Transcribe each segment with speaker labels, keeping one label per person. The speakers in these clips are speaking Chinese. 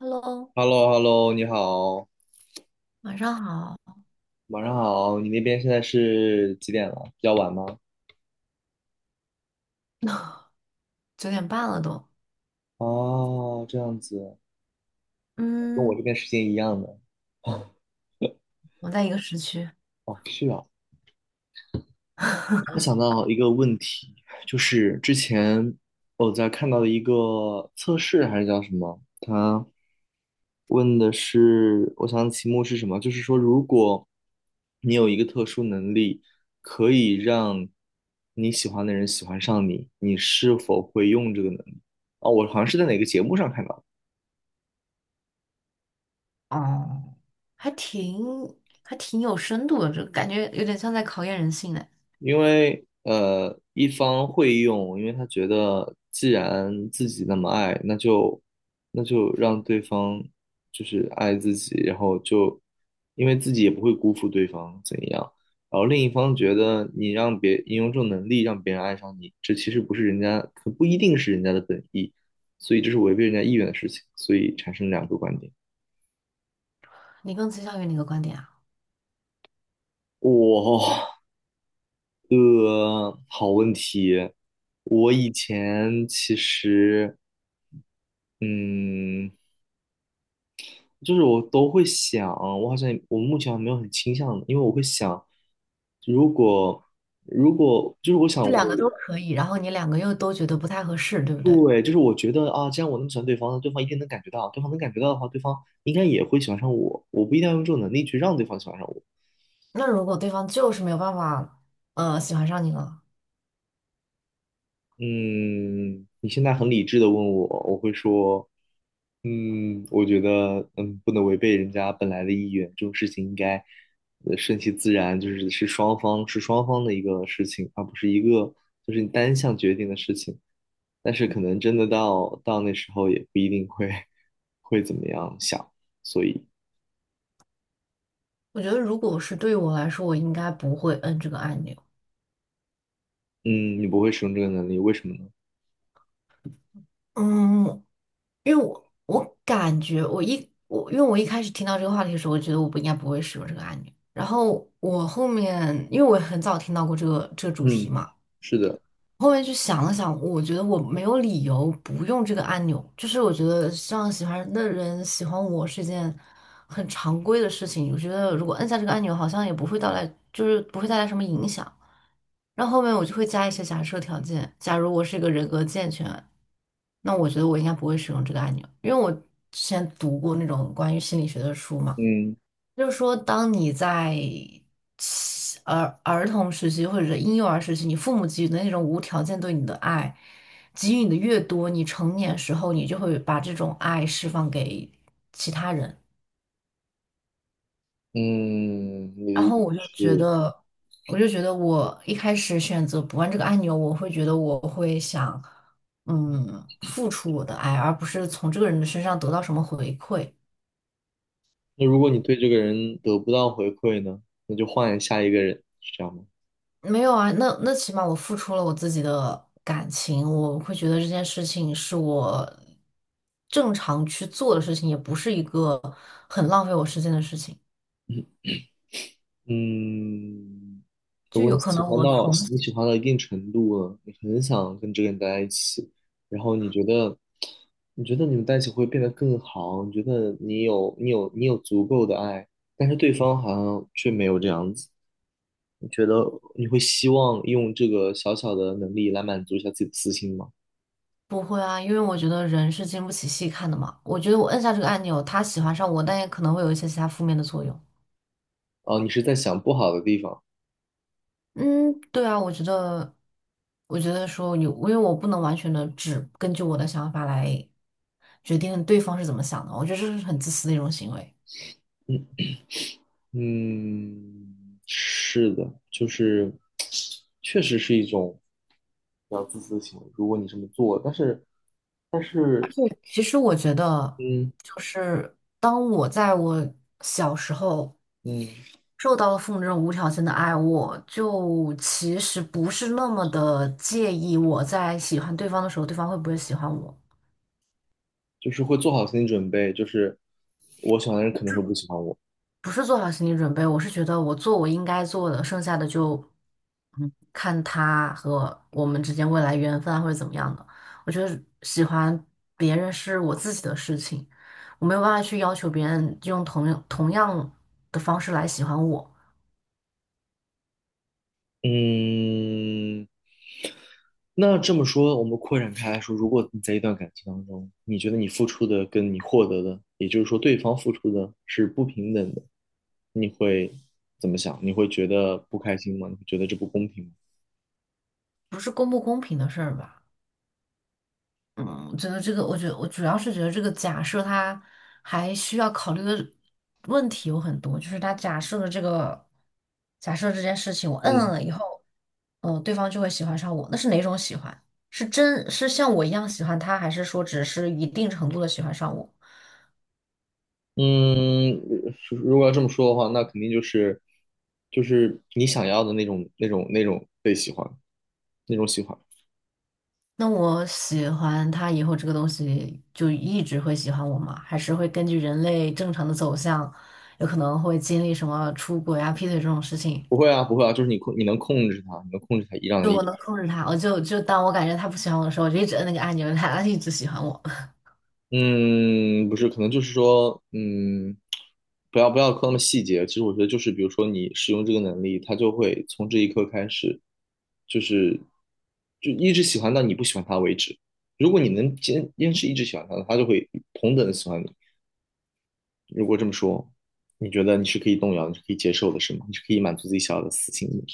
Speaker 1: Hello，
Speaker 2: h e l l o h e l l o 你好，
Speaker 1: 晚上好，
Speaker 2: 晚上好。你那边现在是几点了？比较晚吗？
Speaker 1: 九点半了都。
Speaker 2: 哦，这样子，跟我
Speaker 1: 嗯，
Speaker 2: 这边时间一样的。
Speaker 1: 我在一个时区
Speaker 2: 哦，是啊。我突然 想到一个问题，就是之前我在看到的一个测试还是叫什么，它问的是，我想题目是什么？就是说，如果你有一个特殊能力，可以让你喜欢的人喜欢上你，你是否会用这个能力？哦，我好像是在哪个节目上看到的。
Speaker 1: 哦，还挺还挺有深度的，这感觉有点像在考验人性呢。
Speaker 2: 因为一方会用，因为他觉得既然自己那么爱，那就让对方就是爱自己，然后就因为自己也不会辜负对方怎样。然后另一方觉得你让别你用这种能力让别人爱上你，这其实不是人家，可不一定是人家的本意，所以这是违背人家意愿的事情，所以产生两个观点。
Speaker 1: 你更倾向于哪个观点啊？
Speaker 2: 哇，好问题。我以前其实。嗯，就是我都会想，我好像我目前还没有很倾向的，因为我会想，如果如果就是我想
Speaker 1: 这
Speaker 2: 我
Speaker 1: 两个都可以，然后你两个又都觉得不太合适，对不对？
Speaker 2: 对，就是我觉得啊，既然我那么喜欢对方，那对方一定能感觉到，对方能感觉到的话，对方应该也会喜欢上我。我不一定要用这种能力去让对方喜欢上我，
Speaker 1: 那如果对方就是没有办法，喜欢上你了，
Speaker 2: 嗯，你现在很理智的问我，我会说，嗯，我觉得，不能违背人家本来的意愿，这种事情应该，顺其自然，就是是双方的一个事情，而不是一个就是你单向决定的事情。但是可能真的到那时候也不一定会 会怎么样想，所以，
Speaker 1: 我觉得如果是对于我来说，我应该不会摁这个按钮。
Speaker 2: 嗯，你不会使用这个能力，为什么呢？
Speaker 1: 嗯，因为我感觉我一我因为我一开始听到这个话题的时候，我觉得我不应该不会使用这个按钮。然后我后面因为我很早听到过这个主题
Speaker 2: 嗯，
Speaker 1: 嘛，
Speaker 2: 是的，
Speaker 1: 后面去想了想，我觉得我没有理由不用这个按钮。就是我觉得像喜欢的人喜欢我是一件很常规的事情。我觉得如果按下这个按钮，好像也不会带来，就是不会带来什么影响。然后后面我就会加一些假设条件。假如我是一个人格健全，那我觉得我应该不会使用这个按钮，因为我之前读过那种关于心理学的书嘛，
Speaker 2: 嗯
Speaker 1: 就是说当你在儿童时期或者是婴幼儿时期，你父母给予的那种无条件对你的爱，给予你的越多，你成年时候你就会把这种爱释放给其他人。
Speaker 2: 嗯，
Speaker 1: 然
Speaker 2: 你
Speaker 1: 后我就觉
Speaker 2: 是。
Speaker 1: 得，我就觉得我一开始选择不按这个按钮，我会觉得我会想，嗯，付出我的爱，而不是从这个人的身上得到什么回馈。
Speaker 2: 那如果你对这个人得不到回馈呢，那就换下一个人，是这样吗？
Speaker 1: 没有啊，那起码我付出了我自己的感情，我会觉得这件事情是我正常去做的事情，也不是一个很浪费我时间的事情。
Speaker 2: 嗯，如
Speaker 1: 就
Speaker 2: 果你
Speaker 1: 有可能我从，
Speaker 2: 喜欢到一定程度了，你很想跟这个人待在一起，然后你觉得你觉得你们在一起会变得更好，你觉得你有足够的爱，但是对方好像却没有这样子，你觉得你会希望用这个小小的能力来满足一下自己的私心吗？
Speaker 1: 不会啊，因为我觉得人是经不起细看的嘛。我觉得我摁下这个按钮，他喜欢上我，但也可能会有一些其他负面的作用。
Speaker 2: 哦，你是在想不好的地方。
Speaker 1: 嗯，对啊，我觉得，我觉得说有，因为我不能完全的只根据我的想法来决定对方是怎么想的，我觉得这是很自私的一种行为。
Speaker 2: 嗯，是的，就是确实是一种比较自私的行为。如果你这么做，但是,
Speaker 1: 其实我觉得，
Speaker 2: 嗯
Speaker 1: 就是当我在我小时候
Speaker 2: 嗯，
Speaker 1: 受到了父母这种无条件的爱，我就其实不是那么的介意我在喜欢对方的时候，对方会不会喜欢我。
Speaker 2: 就是会做好心理准备，就是我喜欢的人可能会不喜欢我。
Speaker 1: 不是做好心理准备，我是觉得我做我应该做的，剩下的就看他和我们之间未来缘分啊或者怎么样的。我觉得喜欢别人是我自己的事情。我没有办法去要求别人用同样的方式来喜欢我。
Speaker 2: 嗯，那这么说，我们扩展开来说，如果你在一段感情当中，你觉得你付出的跟你获得的，也就是说对方付出的是不平等的，你会怎么想？你会觉得不开心吗？你会觉得这不公平吗？
Speaker 1: 不是公不公平的事儿吧？嗯，我觉得这个，我觉得我主要是觉得这个假设它还需要考虑的问题有很多，就是他假设的这个假设这件事情，我摁
Speaker 2: 嗯。
Speaker 1: 了以后，嗯，对方就会喜欢上我，那是哪种喜欢？是真是像我一样喜欢他，还是说只是一定程度的喜欢上我？
Speaker 2: 嗯，如果要这么说的话，那肯定就是就是你想要的那种被喜欢，那种喜欢。
Speaker 1: 那我喜欢他以后，这个东西就一直会喜欢我吗？还是会根据人类正常的走向，有可能会经历什么出轨啊、劈腿这种事情？
Speaker 2: 不会啊，不会啊，就是你能控制它，你能控制它一让它
Speaker 1: 就
Speaker 2: 一。
Speaker 1: 我能控制他，我就当我感觉他不喜欢我的时候，我就一直摁那个按钮，让他 一直喜欢我。
Speaker 2: 嗯，不是，可能就是说，嗯，不要抠那么细节。其实我觉得就是，比如说你使用这个能力，它就会从这一刻开始，就是就一直喜欢到你不喜欢它为止。如果你能坚持一直喜欢它，它就会同等的喜欢你。如果这么说，你觉得你是可以动摇，你是可以接受的，是吗？你是可以满足自己想要的私心的。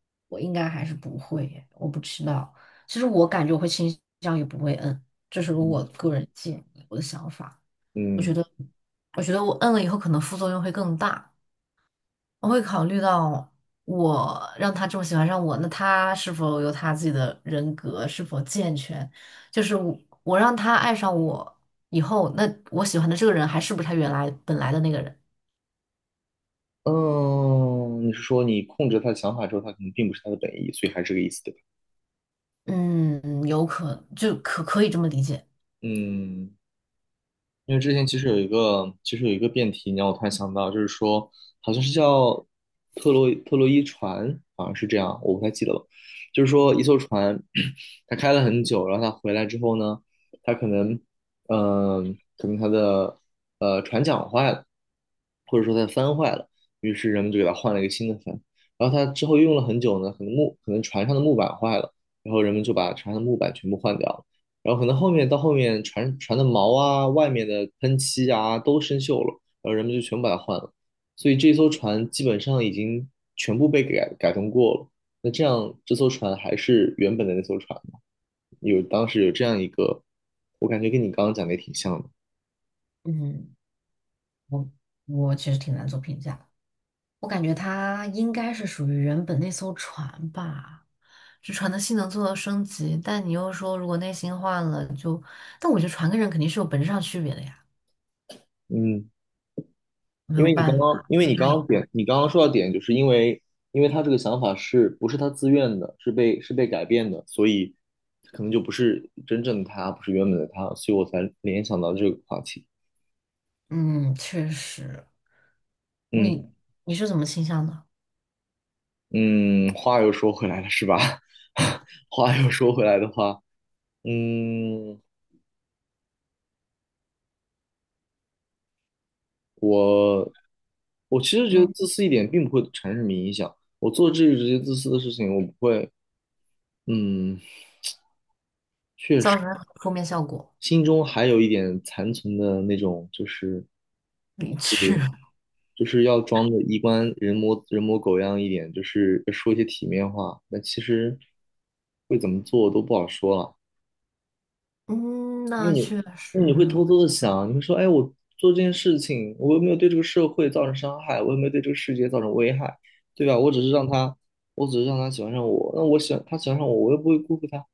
Speaker 1: 我应该还是不会耶我不知道。其实我感觉我会倾向于不会摁，这是
Speaker 2: 嗯
Speaker 1: 我个人建议，我的想法。我觉
Speaker 2: 嗯
Speaker 1: 得，我觉得我摁了以后可能副作用会更大。我会考虑到我让他这么喜欢上我，那他是否有他自己的人格，是否健全？就是我让他爱上我以后，那我喜欢的这个人还是不是他原来本来的那个人？
Speaker 2: 嗯，你是说你控制他的想法之后，他可能并不是他的本意，所以还是这个意思，对吧？
Speaker 1: 嗯，有可就可可以这么理解。
Speaker 2: 嗯。因为之前其实有一个，其实有一个辩题，你让我突然想到，就是说，好像是叫特洛伊船，好像是这样，我不太记得了。就是说，一艘船，它开了很久，然后它回来之后呢，它可能，嗯、可能它的船桨坏了，或者说它的帆坏了，于是人们就给它换了一个新的帆。然后它之后用了很久呢，可能木，可能船上的木板坏了，然后人们就把船上的木板全部换掉。了。然后可能后面到后面船的毛啊、外面的喷漆啊都生锈了，然后人们就全部把它换了，所以这艘船基本上已经全部被改动过了。那这样这艘船还是原本的那艘船吗？有当时有这样一个，我感觉跟你刚刚讲的也挺像的。
Speaker 1: 嗯，我我其实挺难做评价的，我感觉他应该是属于原本那艘船吧，这船的性能做了升级，但你又说如果内心换了，但我觉得船跟人肯定是有本质上区别的呀，
Speaker 2: 嗯。
Speaker 1: 没
Speaker 2: 因
Speaker 1: 有
Speaker 2: 为你刚
Speaker 1: 办
Speaker 2: 刚，
Speaker 1: 法。
Speaker 2: 因为你刚刚点，你刚刚说到点，就是因为，因为他这个想法是不是他自愿的，是被改变的，所以可能就不是真正的他，不是原本的他，所以我才联想到这个话题。
Speaker 1: 嗯，确实，
Speaker 2: 嗯
Speaker 1: 你你是怎么倾向的？
Speaker 2: 嗯，话又说回来了，是吧？话又说回来的话，嗯，我我其实觉得
Speaker 1: 嗯，
Speaker 2: 自私一点并不会产生什么影响。我做这些自私的事情，我不会，嗯，
Speaker 1: 造成负面效果，
Speaker 2: 心中还有一点残存的那种，就是。
Speaker 1: 理智。
Speaker 2: 就是要装的衣冠人模狗样一点，就是说一些体面话。那其实会怎么做都不好说了，
Speaker 1: 嗯，
Speaker 2: 因为
Speaker 1: 那
Speaker 2: 你，
Speaker 1: 确实，
Speaker 2: 那你会偷偷的想，你会说，哎，我做这件事情，我又没有对这个社会造成伤害，我又没有对这个世界造成危害，对吧？我只是让他喜欢上我，那我喜欢他喜欢上我，我又不会辜负他。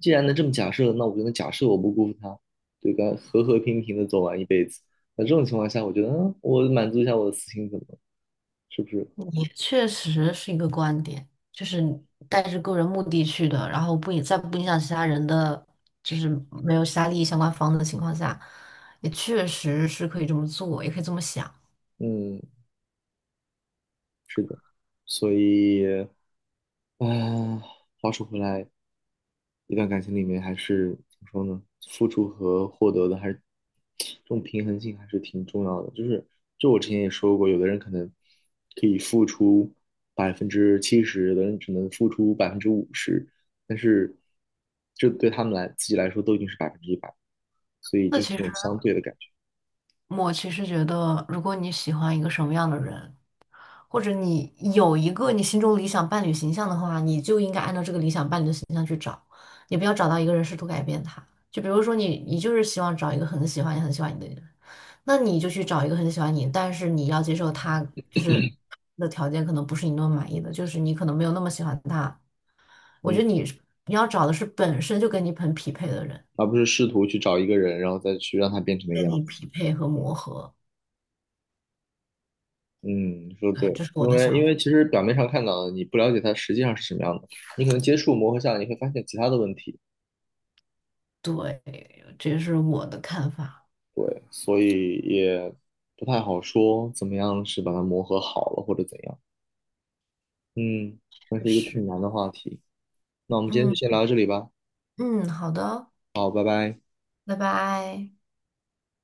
Speaker 2: 既然能这么假设，那我就能假设我不辜负他，对吧？和和平平的走完一辈子。那这种情况下，我觉得，嗯，我满足一下我的私心，怎么了是不是？
Speaker 1: 确实是一个观点，就是你带着个人目的去的，然后不影响其他人的，就是没有其他利益相关方的情况下，也确实是可以这么做，也可以这么想。
Speaker 2: 嗯，是的，所以，啊，话说回来，一段感情里面还是怎么说呢？付出和获得的还是这种平衡性还是挺重要的。就是，就我之前也说过，有的人可能可以付出70%，有的人只能付出50%，但是这对他们自己来说都已经是100%，所以
Speaker 1: 那
Speaker 2: 就是
Speaker 1: 其
Speaker 2: 那
Speaker 1: 实
Speaker 2: 种相对的感觉，
Speaker 1: 我其实觉得，如果你喜欢一个什么样的人，或者你有一个你心中理想伴侣形象的话，你就应该按照这个理想伴侣的形象去找，你不要找到一个人试图改变他。就比如说你，你就是希望找一个很喜欢你、也很喜欢你的人。那你就去找一个很喜欢你，但是你要接受他，就是他的条件可能不是你那么满意的，就是你可能没有那么喜欢他。我觉
Speaker 2: 嗯，
Speaker 1: 得你要找的是本身就跟你很匹配的人，
Speaker 2: 而不是试图去找一个人，然后再去让他变成那个
Speaker 1: 跟
Speaker 2: 样
Speaker 1: 你
Speaker 2: 子。
Speaker 1: 匹配和磨合。
Speaker 2: 嗯，说对，
Speaker 1: 对，这是我
Speaker 2: 因
Speaker 1: 的
Speaker 2: 为
Speaker 1: 想
Speaker 2: 因
Speaker 1: 法，
Speaker 2: 为其实表面上看到的，你不了解它实际上是什么样的，你可能接触磨合下来，你会发现其他的问题，
Speaker 1: 这也是我的看法。
Speaker 2: 对，所以也不太好说怎么样是把它磨合好了或者怎样，嗯，那
Speaker 1: 确
Speaker 2: 是一个
Speaker 1: 实，
Speaker 2: 挺难的话题，那我们今天就
Speaker 1: 嗯
Speaker 2: 先聊到这里吧，
Speaker 1: 嗯，好的，
Speaker 2: 好，拜拜。
Speaker 1: 拜拜。